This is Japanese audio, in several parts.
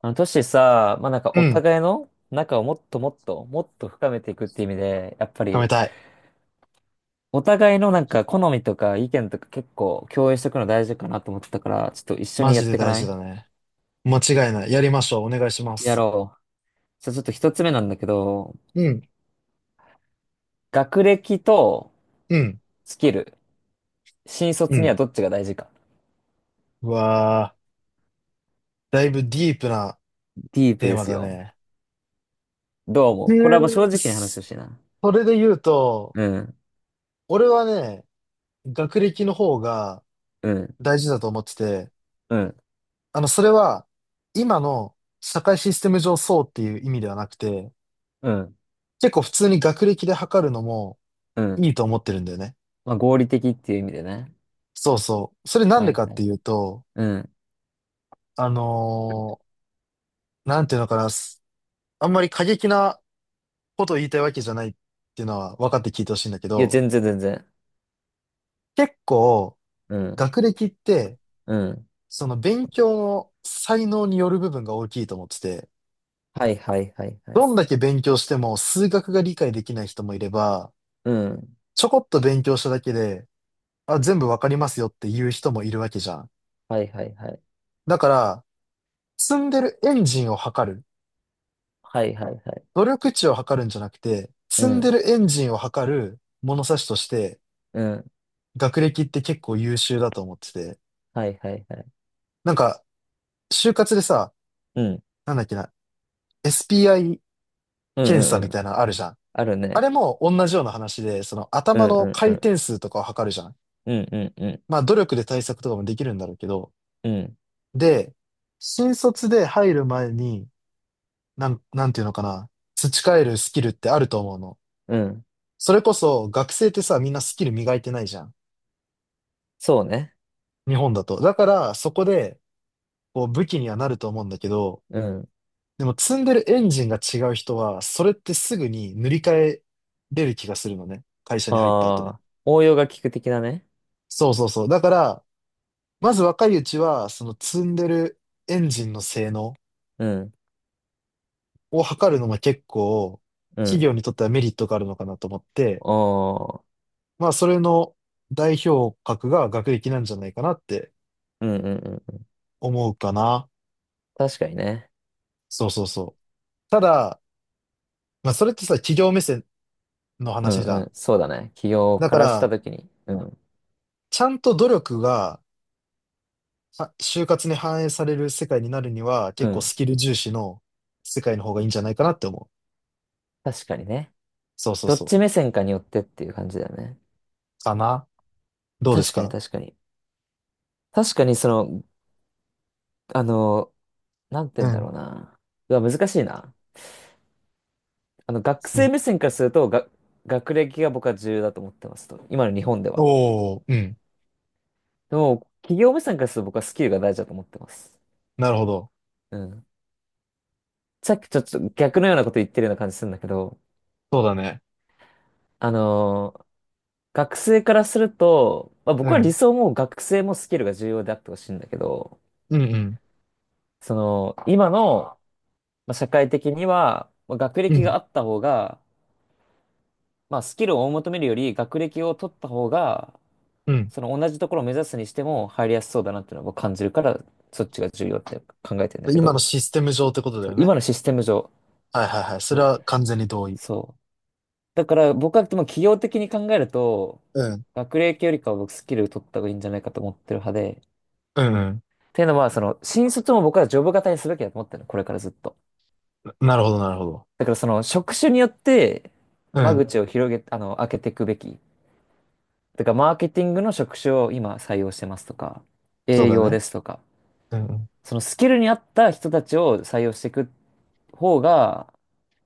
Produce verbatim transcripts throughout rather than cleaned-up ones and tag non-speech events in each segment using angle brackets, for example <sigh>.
あの、トシさ、まあ、なんかうおん。互いの仲をもっともっと、もっと深めていくっていう意味で、やっぱ貯めり、たい。お互いのなんか好みとか意見とか結構共有しておくの大事かなと思ってたから、ちょっと一緒マにやジっでていか大な事い？だね。間違いない。やりましょう。お願いしまやす。ろう。じゃあちょっと一つ目なんだけど、うん、学歴とうん、スキル、新う卒にはん。どっちが大事か。うわー、だいぶディープなディープテーでマすだよ。ね。どう思えう？これはもう正ー、直に話をすしてな。それで言うと、うん、俺はね、学歴の方がうん、大事だと思ってて、うん、あの、それは、今の社会システム上そうっていう意味ではなくて、うん、結構普通に学歴で測るのもうん。いいと思ってるんだよね。まあ合理的っていう意味でね。そうそう。それなんはでい、かっはてい。いうと、うん。あのーなんていうのかな。あんまり過激なことを言いたいわけじゃないっていうのは分かって聞いてほしいんだけいや、ど、全然全然。結構うん。学歴って、うん。その勉強の才能による部分が大きいと思ってて、はいはいはいはい。どんだけ勉強しても数学が理解できない人もいれば、うん。ちょこっと勉強しただけで、あ、全部わかりますよっていう人もいるわけじゃん。はいはいはい。だから、積んでるエンジンを測る、はいはいはい。努力値を測るんじゃなくて、う積んでん。るエンジンを測る物差しとして、うん。学歴って結構優秀だと思ってて、はいはいはい。なんか、就活でさ、うん。なんだっけな、エスピーアイ うん検う査んみうたん。いなのあるじゃん。あるあね。れも同じような話で、そのうん頭のうんう回ん。転数とかを測るじゃん。うんうんうん。まあ努力で対策とかもできるんだろうけど。うん。で、新卒で入る前に、なん、なんていうのかな、培えるスキルってあると思うの。うん。それこそ学生ってさ、みんなスキル磨いてないじゃん。そうね。日本だと。だからそこで、こう武器にはなると思うんだけど、うん。でも積んでるエンジンが違う人は、それってすぐに塗り替えれる気がするのね。会社に入った後に。ああ。応用が効く的なね。そうそうそう。だから、まず若いうちは、その積んでるエンジンの性能うん。を測るのも結構、う企ん。業にとってはメリットがあるのかなと思って、ああ。まあ、それの代表格が学歴なんじゃないかなってうんうんうん。思うかな。確かにね。そうそうそう。ただ、まあ、それってさ、企業目線のう話んじゃうん。ん。そうだね。起業だかからしたら、ときに。うん。ちゃんと努力がは就活に反映される世界になるには、う結構ん。スキル重視の世界の方がいいんじゃないかなって思う。確かにね。そうそうどっそう。ち目線かによってっていう感じだよね。かな。どうです確かにか？確かに。確かにその、あの、なんて言ううんだろん。うな。うわ、難しいな。あの、学生お目線からすると、が、学歴が僕は重要だと思ってますと。今の日本では。おー、うん。でも、企業目線からすると僕はスキルが大事だと思ってます。なるほど。うん。さっきちょっと逆のようなこと言ってるような感じするんだけど、そうだね。あのー学生からすると、まあ、う僕は理ん。想も学生もスキルが重要であってほしいんだけど、うんうん。その、今の、まあ、社会的には、まあ、学う歴がん。あった方が、まあ、スキルを追い求めるより学歴を取った方が、うん。その同じところを目指すにしても入りやすそうだなっていうのを僕感じるから、そっちが重要って考えてんだでけ今のど、システム上ってことだそうよね。今のシステム上、はいはいはい。それそう。は完全に同意。そうだから僕はでも企業的に考えると、うん。学歴よりかは僕スキル取った方がいいんじゃないかと思ってる派で、うんうん。っていうのは、その、新卒も僕はジョブ型にすべきだと思ってるの、これからずっと。ななるほどなるほど。だからその、職種によって、う間ん。口を広げ、あの、開けていくべき。だから、マーケティングの職種を今採用してますとか、そう営だ業ね。ですとか、うんうん。そのスキルに合った人たちを採用していくっ方が、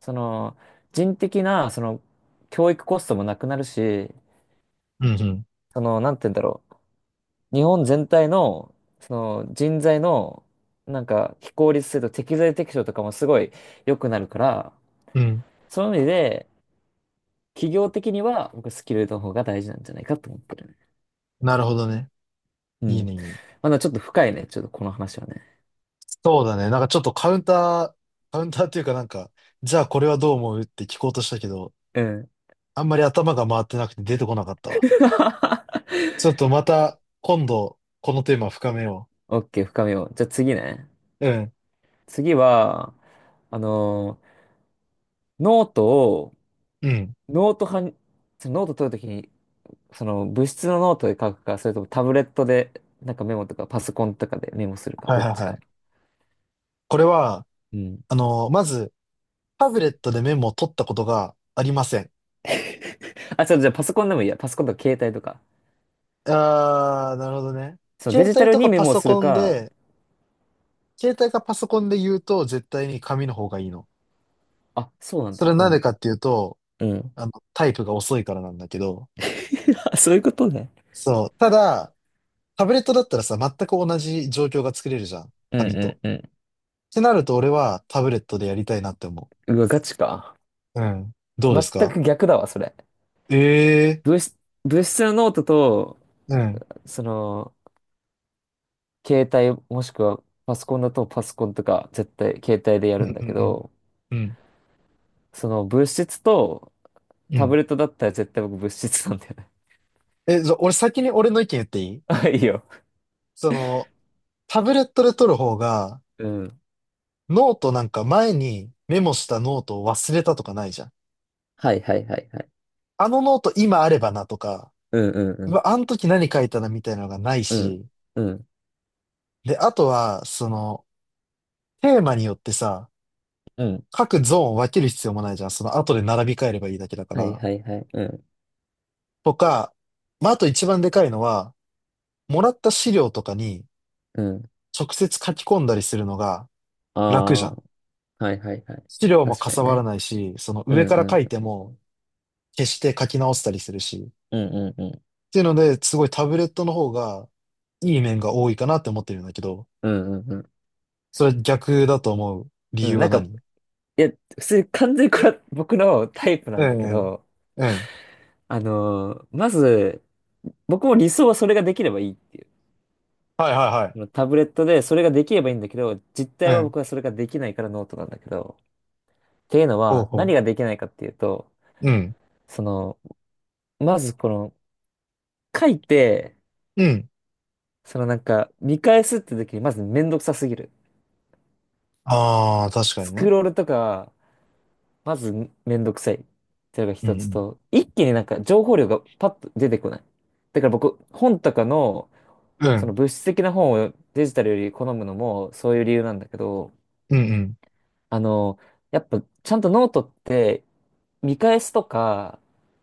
その、人的な、その、教育コストもなくなるし、うんうその、なんて言うんだろう。日本全体の、その、人材の、なんか、非効率性と適材適所とかもすごい良くなるから、ん。うん。そういう意味で、企業的には、僕、スキルの方が大事なんじゃないかと思ってるね。なるほどね。ういいん。ねいいね。まだちょっと深いね。ちょっとこの話はね。そうだね。なんかちょっとカウンター、カウンターっていうかなんか、じゃあこれはどう思うって聞こうとしたけど、うん。あんまり頭が回ってなくて出てこなかったわ。<laughs> ちょっとまた今度このテーマ深めよオッケー、深みを。じゃあ次ね。う。うん。次は、あの、ノートをうん。ノート派に、そのノート取るときに、その物質のノートで書くか、それともタブレットで、なんかメモとか、パソコンとかでメモするか、はいどっはいちはい。か？これは、うん。あの、まず、タブレットでメモを取ったことがありません。あ、ちょっとじゃあパソコンでもいいや。パソコンとか携帯とか。あー、なるほどね。そのデ携ジタ帯ルとにかメパモをソするコンか。で、携帯かパソコンで言うと絶対に紙の方がいいの。あ、そうなんそれだ。はうなんでかん。っていうと、うん。あの、タイプが遅いからなんだけど、<laughs> あ、そういうことね。そう。ただ、タブレットだったらさ、全く同じ状況が作れるじゃん。う紙んと。うんってなると俺はタブレットでやりたいなって思うん。うわ、ガチか。う。うん。どうです全か？く逆だわ、それ。ええ物質、物質のノートと、ー。うん。その、携帯もしくはパソコンだとパソコンとか、絶対携帯でやうんるうんだけんど、うん。うん。その物質と、うタブん。レットだったら絶対僕物質なんだよね。え、じゃあ俺先に俺の意見言っていい？ <laughs> あ、いいよ。その、タブレットで取る方が、うん。ノートなんか前にメモしたノートを忘れたとかないじゃん。はいはいはいはい。あのノート今あればなとか、うんううんわ、あの時何書いたなみたいなのがないうん。し、うん。で、あとは、その、テーマによってさ、うん。各ゾーンを分ける必要もないじゃん。その後で並び替えればいいだけだかはいら。はいはい。うん。とか、まあ、あと一番でかいのは、もらった資料とかにうん。直接書き込んだりするのがあ楽じゃん。あ。はいはいはい。資料も確かかさにばらね。ないし、そのう上んからう書いん。ても消して書き直したりするし。うんうんうん。っていうので、すごいタブレットの方がいい面が多いかなって思ってるんだけど、うんうんうん、それ逆だと思うう理由んなはんか、何？いや、普通に完全にこれは僕のタイプなうんだんけうん。ど、うん。あのーまず、僕も理想はそれができればいいっていう。はいはそのタブレットでそれができればいいんだけど、実い態はい。はうん。僕はそれができないからノートなんだけど、っていうのほうは、何ほができないかっていうと、う。うん。その、まずこの、書いて、うん。そのなんか、見返すって時に、まずめんどくさすぎる。ああ、確かスにクね。ロールとか、まずめんどくさい。っていうのがう一んうつん。と、一気になんか情報量がパッと出てこない。だから僕、本とかの、うそのん。物質的な本をデジタルより好むのも、そういう理由なんだけど、うんあの、やっぱちゃんとノートって見返すとか、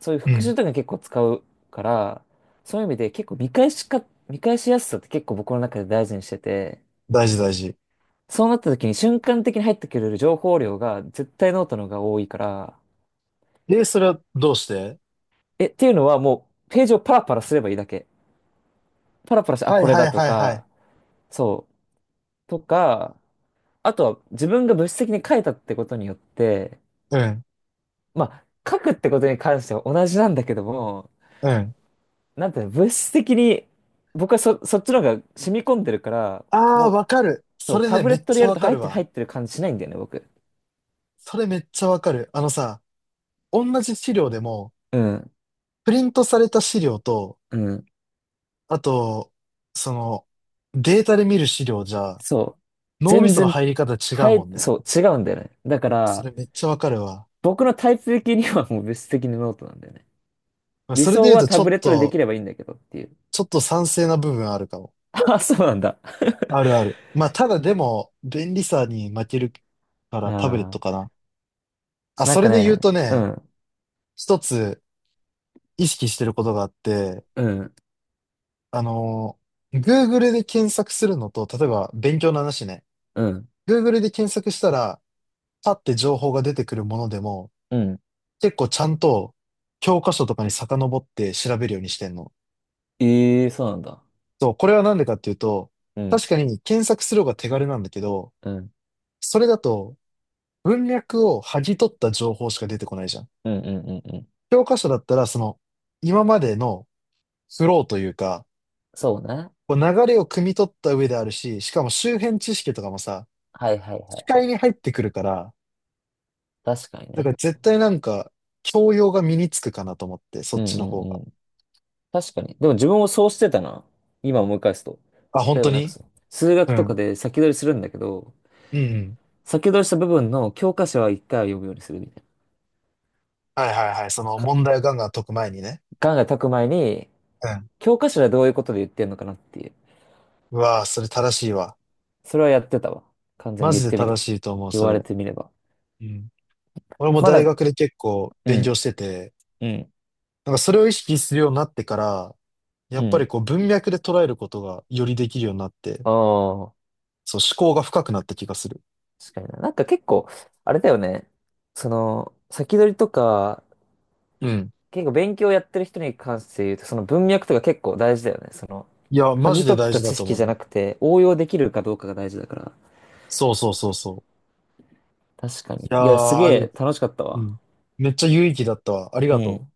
そういううん。う復習ん。とかに結構使うから、そういう意味で結構見返しか、見返しやすさって結構僕の中で大事にしてて、大事大事。そうなった時に瞬間的に入ってくれる情報量が絶対ノートの方が多いから、え、それはどうして？え、っていうのはもうページをパラパラすればいいだけ。パラパラして、あ、はいこれはだいとはいはい。か、そう、とか、あとは自分が物質的に書いたってことによって、うん。まあ、書くってことに関しては同じなんだけども、うん。なんていうの、物質的に、僕はそ、そっちの方が染み込んでるから、ああ、もう、わかる。そそう、れタね、ブレめッっトでちゃやるわとか入っるてる入わ。ってる感じしないんだよね、僕。それめっちゃわかる。あのさ、同じ資料でも、うん、プリントされた資料と、うん。あと、その、データで見る資料じゃ、そう。脳み全その然、入り方違はうもい、んね。そう、違うんだよね。だかそら、れめっちゃわかるわ。僕のタイプ的にはもう物質的にノートなんだよね。まあ理それで想言うはと、タちょブっレットでできと、ればいいんだけどっていう。ちょっと賛成な部分あるかも。<laughs> あ、そうなんだ。あるある。まあ、ただでも、便利さに負けるからタブレッあトかな。あ、あ、なんそかれで言ね、うとうね、ん、一つ意識してることがあって、うん、あのー、Google で検索するのと、例えば勉強の話ね、うん、Google で検索したら、パッて情報が出てくるものでも、うん。結構ちゃんと教科書とかに遡って調べるようにしてんの。ええ、そうなんだ。そう、これはなんでかっていうと、うん、確かに検索する方が手軽なんだけど、うん、それだと文脈を剥ぎ取った情報しか出てこないじゃん。うん、うん、うん。うん、教科書だったら、その、今までのフローというか、そうね。こう流れを汲み取った上であるし、しかも周辺知識とかもさ、はいはい視はい。界に入ってくるから、確かにだからね。絶対なんか、教養が身につくかなと思って、そうっんちのう方んが。うん。確かに。でも自分もそうしてたな。今思い返すと。あ、本例え当ばなんかに？その、数う学とん。かで先取りするんだけど、うんうん。先取りした部分の教科書は一回は読むようにするみたいはいはいはい。そのな。か問題をガンガン解く前にね。考え解く前に、うん。教科書ではどういうことで言ってんのかなっていう。うわあ、それ正しいわ。それはやってたわ。完全マに言ジっでてみ正る。しいと思う、言そわれれ。てみれば。うん。俺もま大だ、学で結構う勉強ん、してて、うん、なんかそれを意識するようになってから、やうっぱん。りこう文脈で捉えることがよりできるようになって、ああ、そう思考が深くなった気がする。確かにな。なんか結構、あれだよね。その、先取りとか、うん。結構勉強やってる人に関して言うと、その文脈とか結構大事だよね。その、いや、剥マジぎで取っ大た事だ知と識思うじゃな。なくて、応用できるかどうかが大事だから。そうそうそうそう。確かに。いいや、すげやー、えでも、楽しかったうわ。ん。めっちゃ有意義だったわ。ありうがとう。ん。